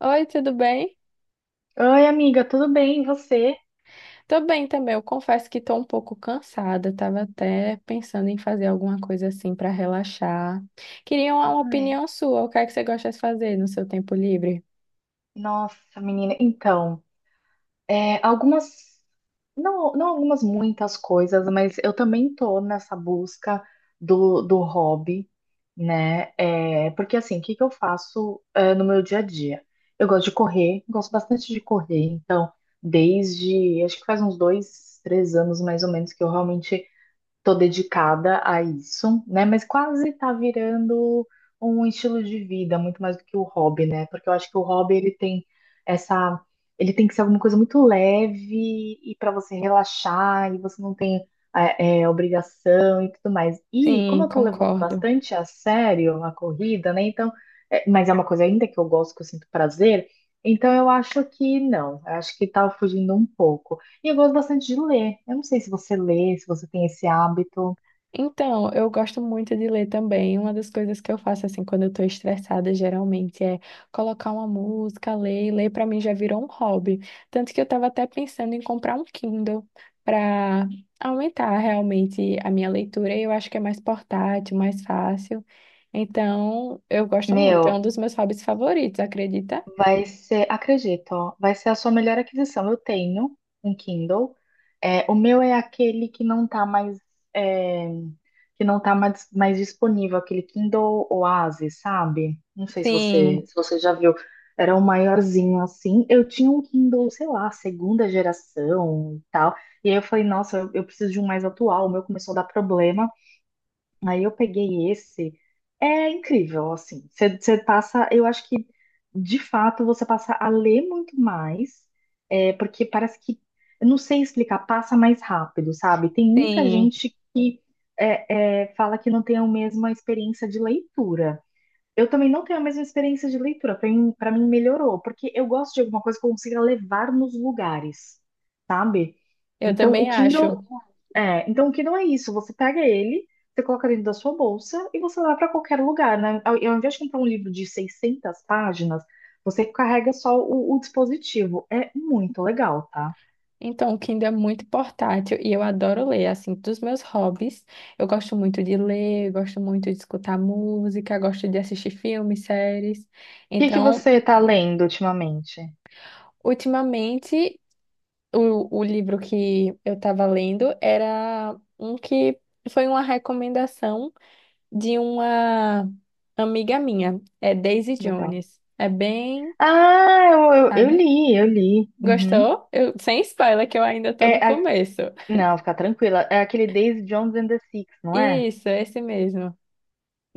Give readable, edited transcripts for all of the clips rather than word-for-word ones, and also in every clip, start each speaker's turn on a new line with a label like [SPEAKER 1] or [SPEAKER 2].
[SPEAKER 1] Oi, tudo bem?
[SPEAKER 2] Oi, amiga, tudo bem? E você?
[SPEAKER 1] Tô bem também. Eu confesso que tô um pouco cansada. Tava até pensando em fazer alguma coisa assim pra relaxar. Queria uma
[SPEAKER 2] Ai,
[SPEAKER 1] opinião sua. O que é que você gosta de fazer no seu tempo livre?
[SPEAKER 2] nossa, menina, então, algumas, não algumas, muitas coisas, mas eu também tô nessa busca do hobby, né? Porque assim, o que que eu faço, no meu dia a dia? Eu gosto de correr, gosto bastante de correr, então, desde, acho que faz uns 2, 3 anos mais ou menos que eu realmente tô dedicada a isso, né? Mas quase tá virando um estilo de vida, muito mais do que o hobby, né? Porque eu acho que o hobby ele tem essa, ele tem que ser alguma coisa muito leve e para você relaxar e você não tem obrigação e tudo mais. E como
[SPEAKER 1] Sim,
[SPEAKER 2] eu tô levando
[SPEAKER 1] concordo.
[SPEAKER 2] bastante a sério a corrida, né? Então, mas é uma coisa ainda que eu gosto, que eu sinto prazer. Então eu acho que não, eu acho que tá fugindo um pouco. E eu gosto bastante de ler. Eu não sei se você lê, se você tem esse hábito.
[SPEAKER 1] Então, eu gosto muito de ler também. Uma das coisas que eu faço, assim, quando eu tô estressada, geralmente, é colocar uma música, ler. E ler pra mim já virou um hobby. Tanto que eu tava até pensando em comprar um Kindle pra aumentar realmente a minha leitura. E eu acho que é mais portátil, mais fácil. Então, eu gosto muito. É um
[SPEAKER 2] Meu,
[SPEAKER 1] dos meus hobbies favoritos, acredita?
[SPEAKER 2] vai ser, acredito, ó, vai ser a sua melhor aquisição. Eu tenho um Kindle. É, o meu é aquele que não tá mais, é, que não tá mais disponível, aquele Kindle Oasis, sabe? Não sei
[SPEAKER 1] Sim,
[SPEAKER 2] se você já viu. Era um maiorzinho assim. Eu tinha um Kindle, sei lá, segunda geração e tal. E aí eu falei, nossa, eu preciso de um mais atual. O meu começou a dar problema. Aí eu peguei esse. É incrível, assim. Você passa, eu acho que de fato você passa a ler muito mais, porque parece que, eu não sei explicar, passa mais rápido, sabe? Tem muita
[SPEAKER 1] sim.
[SPEAKER 2] gente que fala que não tem a mesma experiência de leitura. Eu também não tenho a mesma experiência de leitura. Para mim melhorou, porque eu gosto de alguma coisa que eu consiga levar nos lugares, sabe?
[SPEAKER 1] Eu
[SPEAKER 2] Então, o
[SPEAKER 1] também acho.
[SPEAKER 2] Kindle então o que não é isso? Você pega ele, você coloca dentro da sua bolsa e você leva para qualquer lugar, né? Ao invés de comprar um livro de 600 páginas, você carrega só o dispositivo. É muito legal, tá?
[SPEAKER 1] Então, o Kindle é muito portátil e eu adoro ler. Assim, dos meus hobbies, eu gosto muito de ler, gosto muito de escutar música, gosto de assistir filmes, séries.
[SPEAKER 2] O que que
[SPEAKER 1] Então,
[SPEAKER 2] você tá lendo ultimamente?
[SPEAKER 1] ultimamente, o livro que eu estava lendo era um que foi uma recomendação de uma amiga minha, é Daisy
[SPEAKER 2] Legal.
[SPEAKER 1] Jones. É bem,
[SPEAKER 2] Ah, eu
[SPEAKER 1] sabe?
[SPEAKER 2] li, eu li. Uhum.
[SPEAKER 1] Gostou? Eu, sem spoiler, que eu ainda estou
[SPEAKER 2] É,
[SPEAKER 1] no começo.
[SPEAKER 2] não, fica tranquila. É aquele Daisy Jones and the Six, não é?
[SPEAKER 1] Isso, é esse mesmo.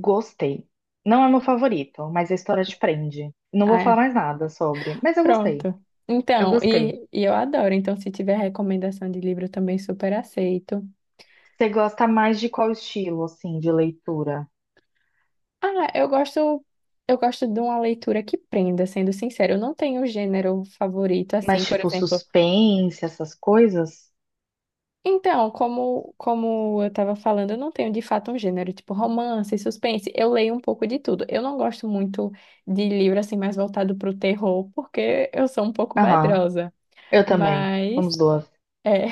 [SPEAKER 2] Gostei. Não é meu favorito, mas a história te prende. Não vou
[SPEAKER 1] Ah,
[SPEAKER 2] falar
[SPEAKER 1] é.
[SPEAKER 2] mais nada sobre, mas eu gostei.
[SPEAKER 1] Pronto.
[SPEAKER 2] Eu
[SPEAKER 1] Então,
[SPEAKER 2] gostei.
[SPEAKER 1] e eu adoro. Então, se tiver recomendação de livro, eu também super aceito.
[SPEAKER 2] Você gosta mais de qual estilo, assim, de leitura?
[SPEAKER 1] Ah, eu gosto de uma leitura que prenda, sendo sincero. Eu não tenho gênero favorito, assim,
[SPEAKER 2] Mais
[SPEAKER 1] por
[SPEAKER 2] tipo
[SPEAKER 1] exemplo.
[SPEAKER 2] suspense, essas coisas?
[SPEAKER 1] Então, como eu estava falando, eu não tenho de fato um gênero, tipo romance, suspense. Eu leio um pouco de tudo. Eu não gosto muito de livro, assim, mais voltado para o terror, porque eu sou um pouco
[SPEAKER 2] Aham,
[SPEAKER 1] medrosa.
[SPEAKER 2] eu também. Somos
[SPEAKER 1] Mas.
[SPEAKER 2] duas.
[SPEAKER 1] é,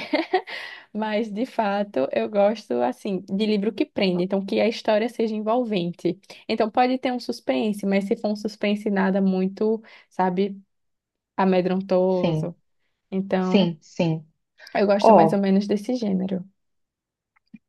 [SPEAKER 1] Mas, de fato, eu gosto, assim, de livro que prende, então que a história seja envolvente. Então, pode ter um suspense, mas se for um suspense nada muito, sabe,
[SPEAKER 2] Sim,
[SPEAKER 1] amedrontoso. Então,
[SPEAKER 2] sim, sim.
[SPEAKER 1] eu gosto mais ou
[SPEAKER 2] Ó,
[SPEAKER 1] menos desse gênero.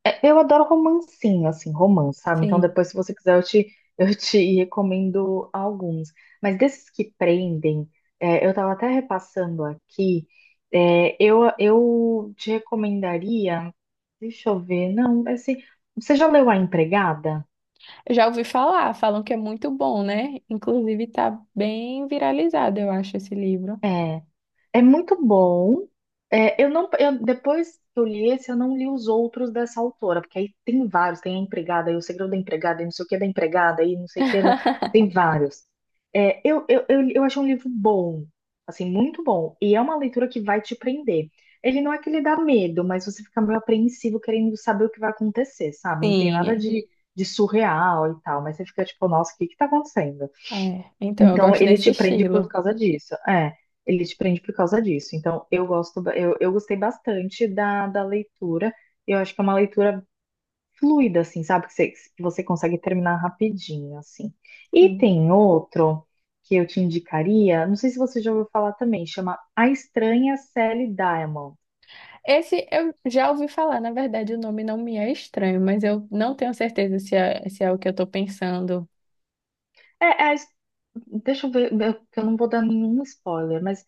[SPEAKER 2] eu adoro romancinho, assim, romance, sabe? Então
[SPEAKER 1] Sim.
[SPEAKER 2] depois, se você quiser, eu te recomendo alguns. Mas desses que prendem, eu tava até repassando aqui, eu te recomendaria. Deixa eu ver, não, assim, você já leu A Empregada?
[SPEAKER 1] Eu já ouvi falar, falam que é muito bom, né? Inclusive, tá bem viralizado, eu acho, esse livro.
[SPEAKER 2] É. É muito bom. Eu não, depois que eu li esse, eu não li os outros dessa autora, porque aí tem vários, tem a empregada, e o segredo da empregada, e não sei o que da empregada, e não sei o que era, tem vários. Eu achei um livro bom, assim, muito bom, e é uma leitura que vai te prender. Ele não é que ele dá medo, mas você fica meio apreensivo querendo saber o que vai acontecer, sabe? Não tem nada
[SPEAKER 1] Sim,
[SPEAKER 2] de surreal e tal, mas você fica tipo, nossa, o que que tá acontecendo?
[SPEAKER 1] é. É, então, eu
[SPEAKER 2] Então,
[SPEAKER 1] gosto
[SPEAKER 2] ele
[SPEAKER 1] nesse
[SPEAKER 2] te prende por
[SPEAKER 1] estilo.
[SPEAKER 2] causa disso. É, ele te prende por causa disso. Então, eu gosto, eu gostei bastante da leitura. Eu acho que é uma leitura fluida, assim, sabe? Que você consegue terminar rapidinho, assim. E
[SPEAKER 1] Sim.
[SPEAKER 2] tem outro que eu te indicaria, não sei se você já ouviu falar também, chama A Estranha Sally Diamond.
[SPEAKER 1] Esse eu já ouvi falar, na verdade, o nome não me é estranho, mas eu não tenho certeza se é, se é o que eu tô pensando.
[SPEAKER 2] É, é a his- deixa eu ver, que eu não vou dar nenhum spoiler, mas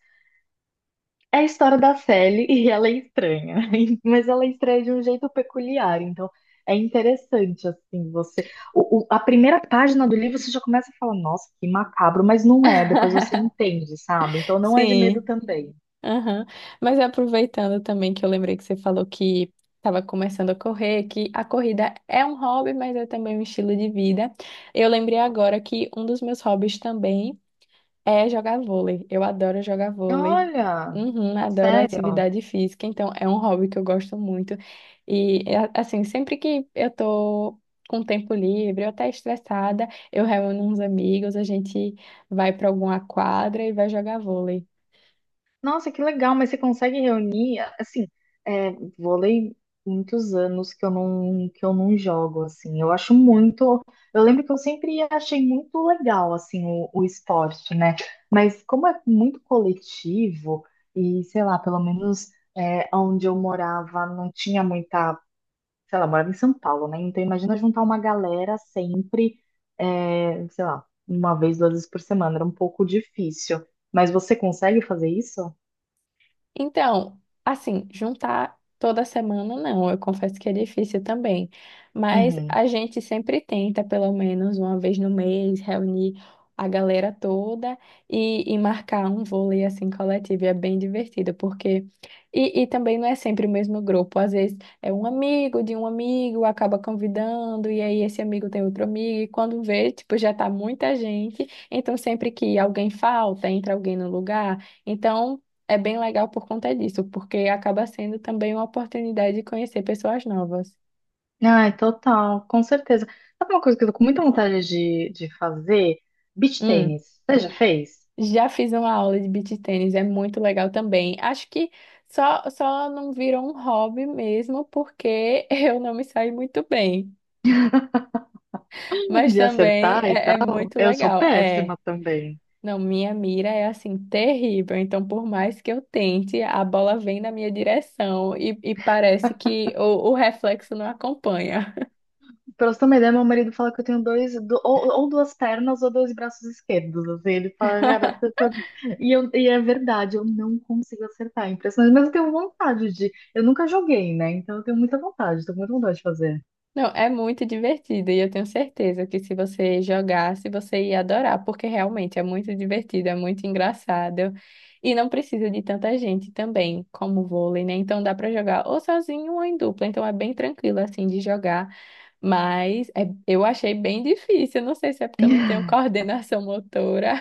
[SPEAKER 2] é a história da Sally e ela é estranha, mas ela é estranha de um jeito peculiar, então é interessante, assim, a primeira página do livro você já começa a falar, nossa, que macabro, mas não é, depois você entende, sabe? Então não é de medo
[SPEAKER 1] Sim,
[SPEAKER 2] também.
[SPEAKER 1] aham. Mas aproveitando também que eu lembrei que você falou que estava começando a correr, que a corrida é um hobby, mas é também um estilo de vida. Eu lembrei agora que um dos meus hobbies também. É jogar vôlei. Eu adoro jogar vôlei.
[SPEAKER 2] Olha,
[SPEAKER 1] Uhum, adoro
[SPEAKER 2] sério?
[SPEAKER 1] atividade física, então é um hobby que eu gosto muito. E é, assim, sempre que eu tô com tempo livre, ou até estressada, eu reúno uns amigos, a gente vai para alguma quadra e vai jogar vôlei.
[SPEAKER 2] Nossa, que legal, mas você consegue reunir, assim, é, vôlei muitos anos que eu não jogo, assim. Eu acho muito, eu lembro que eu sempre achei muito legal assim o esporte, né? Mas como é muito coletivo e sei lá, pelo menos onde eu morava não tinha muita, sei lá, eu morava em São Paulo, né? Então imagina juntar uma galera sempre, sei lá, uma vez, 2 vezes por semana, era um pouco difícil. Mas você consegue fazer isso?
[SPEAKER 1] Então, assim, juntar toda semana não, eu confesso que é difícil também, mas
[SPEAKER 2] Uhum.
[SPEAKER 1] a gente sempre tenta, pelo menos uma vez no mês, reunir a galera toda e marcar um vôlei assim coletivo, e é bem divertido, porque. E também não é sempre o mesmo grupo, às vezes é um amigo de um amigo, acaba convidando, e aí esse amigo tem outro amigo, e quando vê, tipo, já tá muita gente, então sempre que alguém falta, entra alguém no lugar. Então, é bem legal por conta disso, porque acaba sendo também uma oportunidade de conhecer pessoas novas.
[SPEAKER 2] Ai, total, com certeza. Sabe uma coisa que eu tô com muita vontade de fazer? Beach
[SPEAKER 1] Hum,
[SPEAKER 2] tênis. Você já fez?
[SPEAKER 1] já fiz uma aula de beach tênis, é muito legal também. Acho que só não virou um hobby mesmo, porque eu não me saí muito bem. Mas
[SPEAKER 2] De
[SPEAKER 1] também
[SPEAKER 2] acertar e
[SPEAKER 1] é, é
[SPEAKER 2] tal.
[SPEAKER 1] muito
[SPEAKER 2] Eu sou
[SPEAKER 1] legal. É,
[SPEAKER 2] péssima também.
[SPEAKER 1] não, minha mira é assim, terrível. Então, por mais que eu tente, a bola vem na minha direção e parece que o reflexo não acompanha.
[SPEAKER 2] Pra você ter uma ideia, meu marido fala que eu tenho dois, ou duas pernas ou dois braços esquerdos. Assim. Ele fala, cara, você tá-" e, e é verdade, eu não consigo acertar. É impressionante, mas eu tenho vontade de. Eu nunca joguei, né? Então eu tenho muita vontade, tô com muita vontade de fazer.
[SPEAKER 1] Não, é muito divertido e eu tenho certeza que se você jogasse, você ia adorar, porque realmente é muito divertido, é muito engraçado e não precisa de tanta gente também, como o vôlei, né? Então dá para jogar ou sozinho ou em dupla, então é bem tranquilo assim de jogar, mas é- eu achei bem difícil, eu não sei se é porque eu não tenho coordenação motora,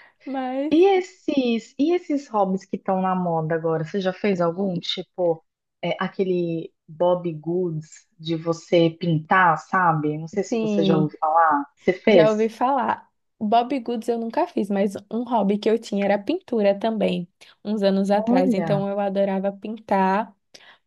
[SPEAKER 1] mas
[SPEAKER 2] E esses hobbies que estão na moda agora, você já fez algum? Tipo, aquele Bob Goods de você pintar, sabe? Não sei se você já
[SPEAKER 1] sim,
[SPEAKER 2] ouviu falar. Você
[SPEAKER 1] já ouvi
[SPEAKER 2] fez?
[SPEAKER 1] falar. Bob Goods eu nunca fiz, mas um hobby que eu tinha era pintura também, uns anos atrás.
[SPEAKER 2] Olha,
[SPEAKER 1] Então eu adorava pintar.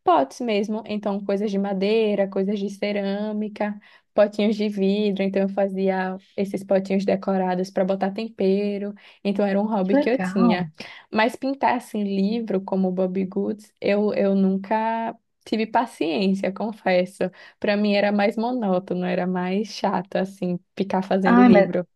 [SPEAKER 1] Potes mesmo, então coisas de madeira, coisas de cerâmica, potinhos de vidro, então eu fazia esses potinhos decorados para botar tempero, então era um
[SPEAKER 2] que
[SPEAKER 1] hobby que eu
[SPEAKER 2] legal.
[SPEAKER 1] tinha. Mas pintar assim livro como Bobbie Goods, eu nunca tive paciência, confesso. Para mim era mais monótono, era mais chato assim ficar fazendo
[SPEAKER 2] Ai, mas
[SPEAKER 1] livro.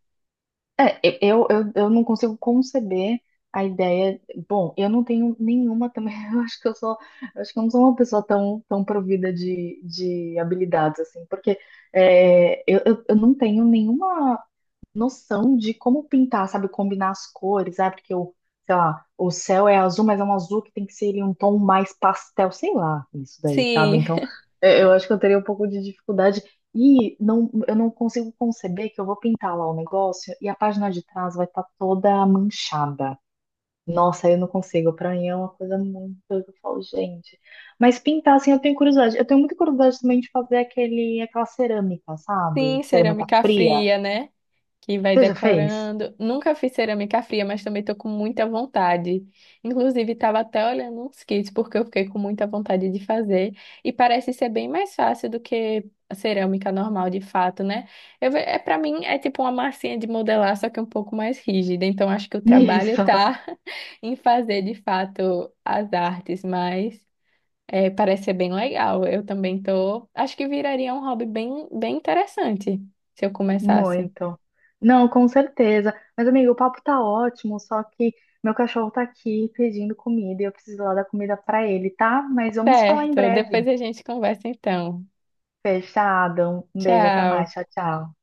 [SPEAKER 2] eu não consigo conceber a ideia. Bom, eu não tenho nenhuma também. Eu acho que eu sou, eu acho que eu não sou uma pessoa tão, tão provida de habilidades, assim, porque eu não tenho nenhuma noção de como pintar, sabe? Combinar as cores, ah, porque sei lá, o céu é azul, mas é um azul que tem que ser ele, um tom mais pastel, sei lá, isso daí, sabe?
[SPEAKER 1] Sim,
[SPEAKER 2] Então, eu acho que eu teria um pouco de dificuldade. E não, eu não consigo conceber que eu vou pintar lá o negócio e a página de trás vai estar toda manchada. Nossa, eu não consigo. Pra mim é uma coisa muito. Eu falo, gente. Mas pintar, assim, eu tenho curiosidade. Eu tenho muita curiosidade também de fazer aquele, aquela cerâmica, sabe?
[SPEAKER 1] sim,
[SPEAKER 2] Cerâmica
[SPEAKER 1] cerâmica
[SPEAKER 2] fria.
[SPEAKER 1] fria, né? Que vai
[SPEAKER 2] Você já fez?
[SPEAKER 1] decorando. Nunca fiz cerâmica fria, mas também tô com muita vontade. Inclusive, estava até olhando uns kits, porque eu fiquei com muita vontade de fazer. E parece ser bem mais fácil do que a cerâmica normal, de fato, né? Eu, ve- é, para mim, é tipo uma massinha de modelar, só que um pouco mais rígida. Então, acho que o trabalho
[SPEAKER 2] Isso,
[SPEAKER 1] tá em fazer, de fato, as artes, mas... é, parece ser bem legal. Eu também tô. Acho que viraria um hobby bem, bem interessante se eu começasse.
[SPEAKER 2] muito. Não, com certeza. Mas, amigo, o papo tá ótimo, só que meu cachorro tá aqui pedindo comida e eu preciso lá dar comida pra ele, tá? Mas vamos falar em
[SPEAKER 1] Certo, depois
[SPEAKER 2] breve.
[SPEAKER 1] a gente conversa então.
[SPEAKER 2] Fechado. Um beijo, até mais.
[SPEAKER 1] Tchau.
[SPEAKER 2] Tchau, tchau.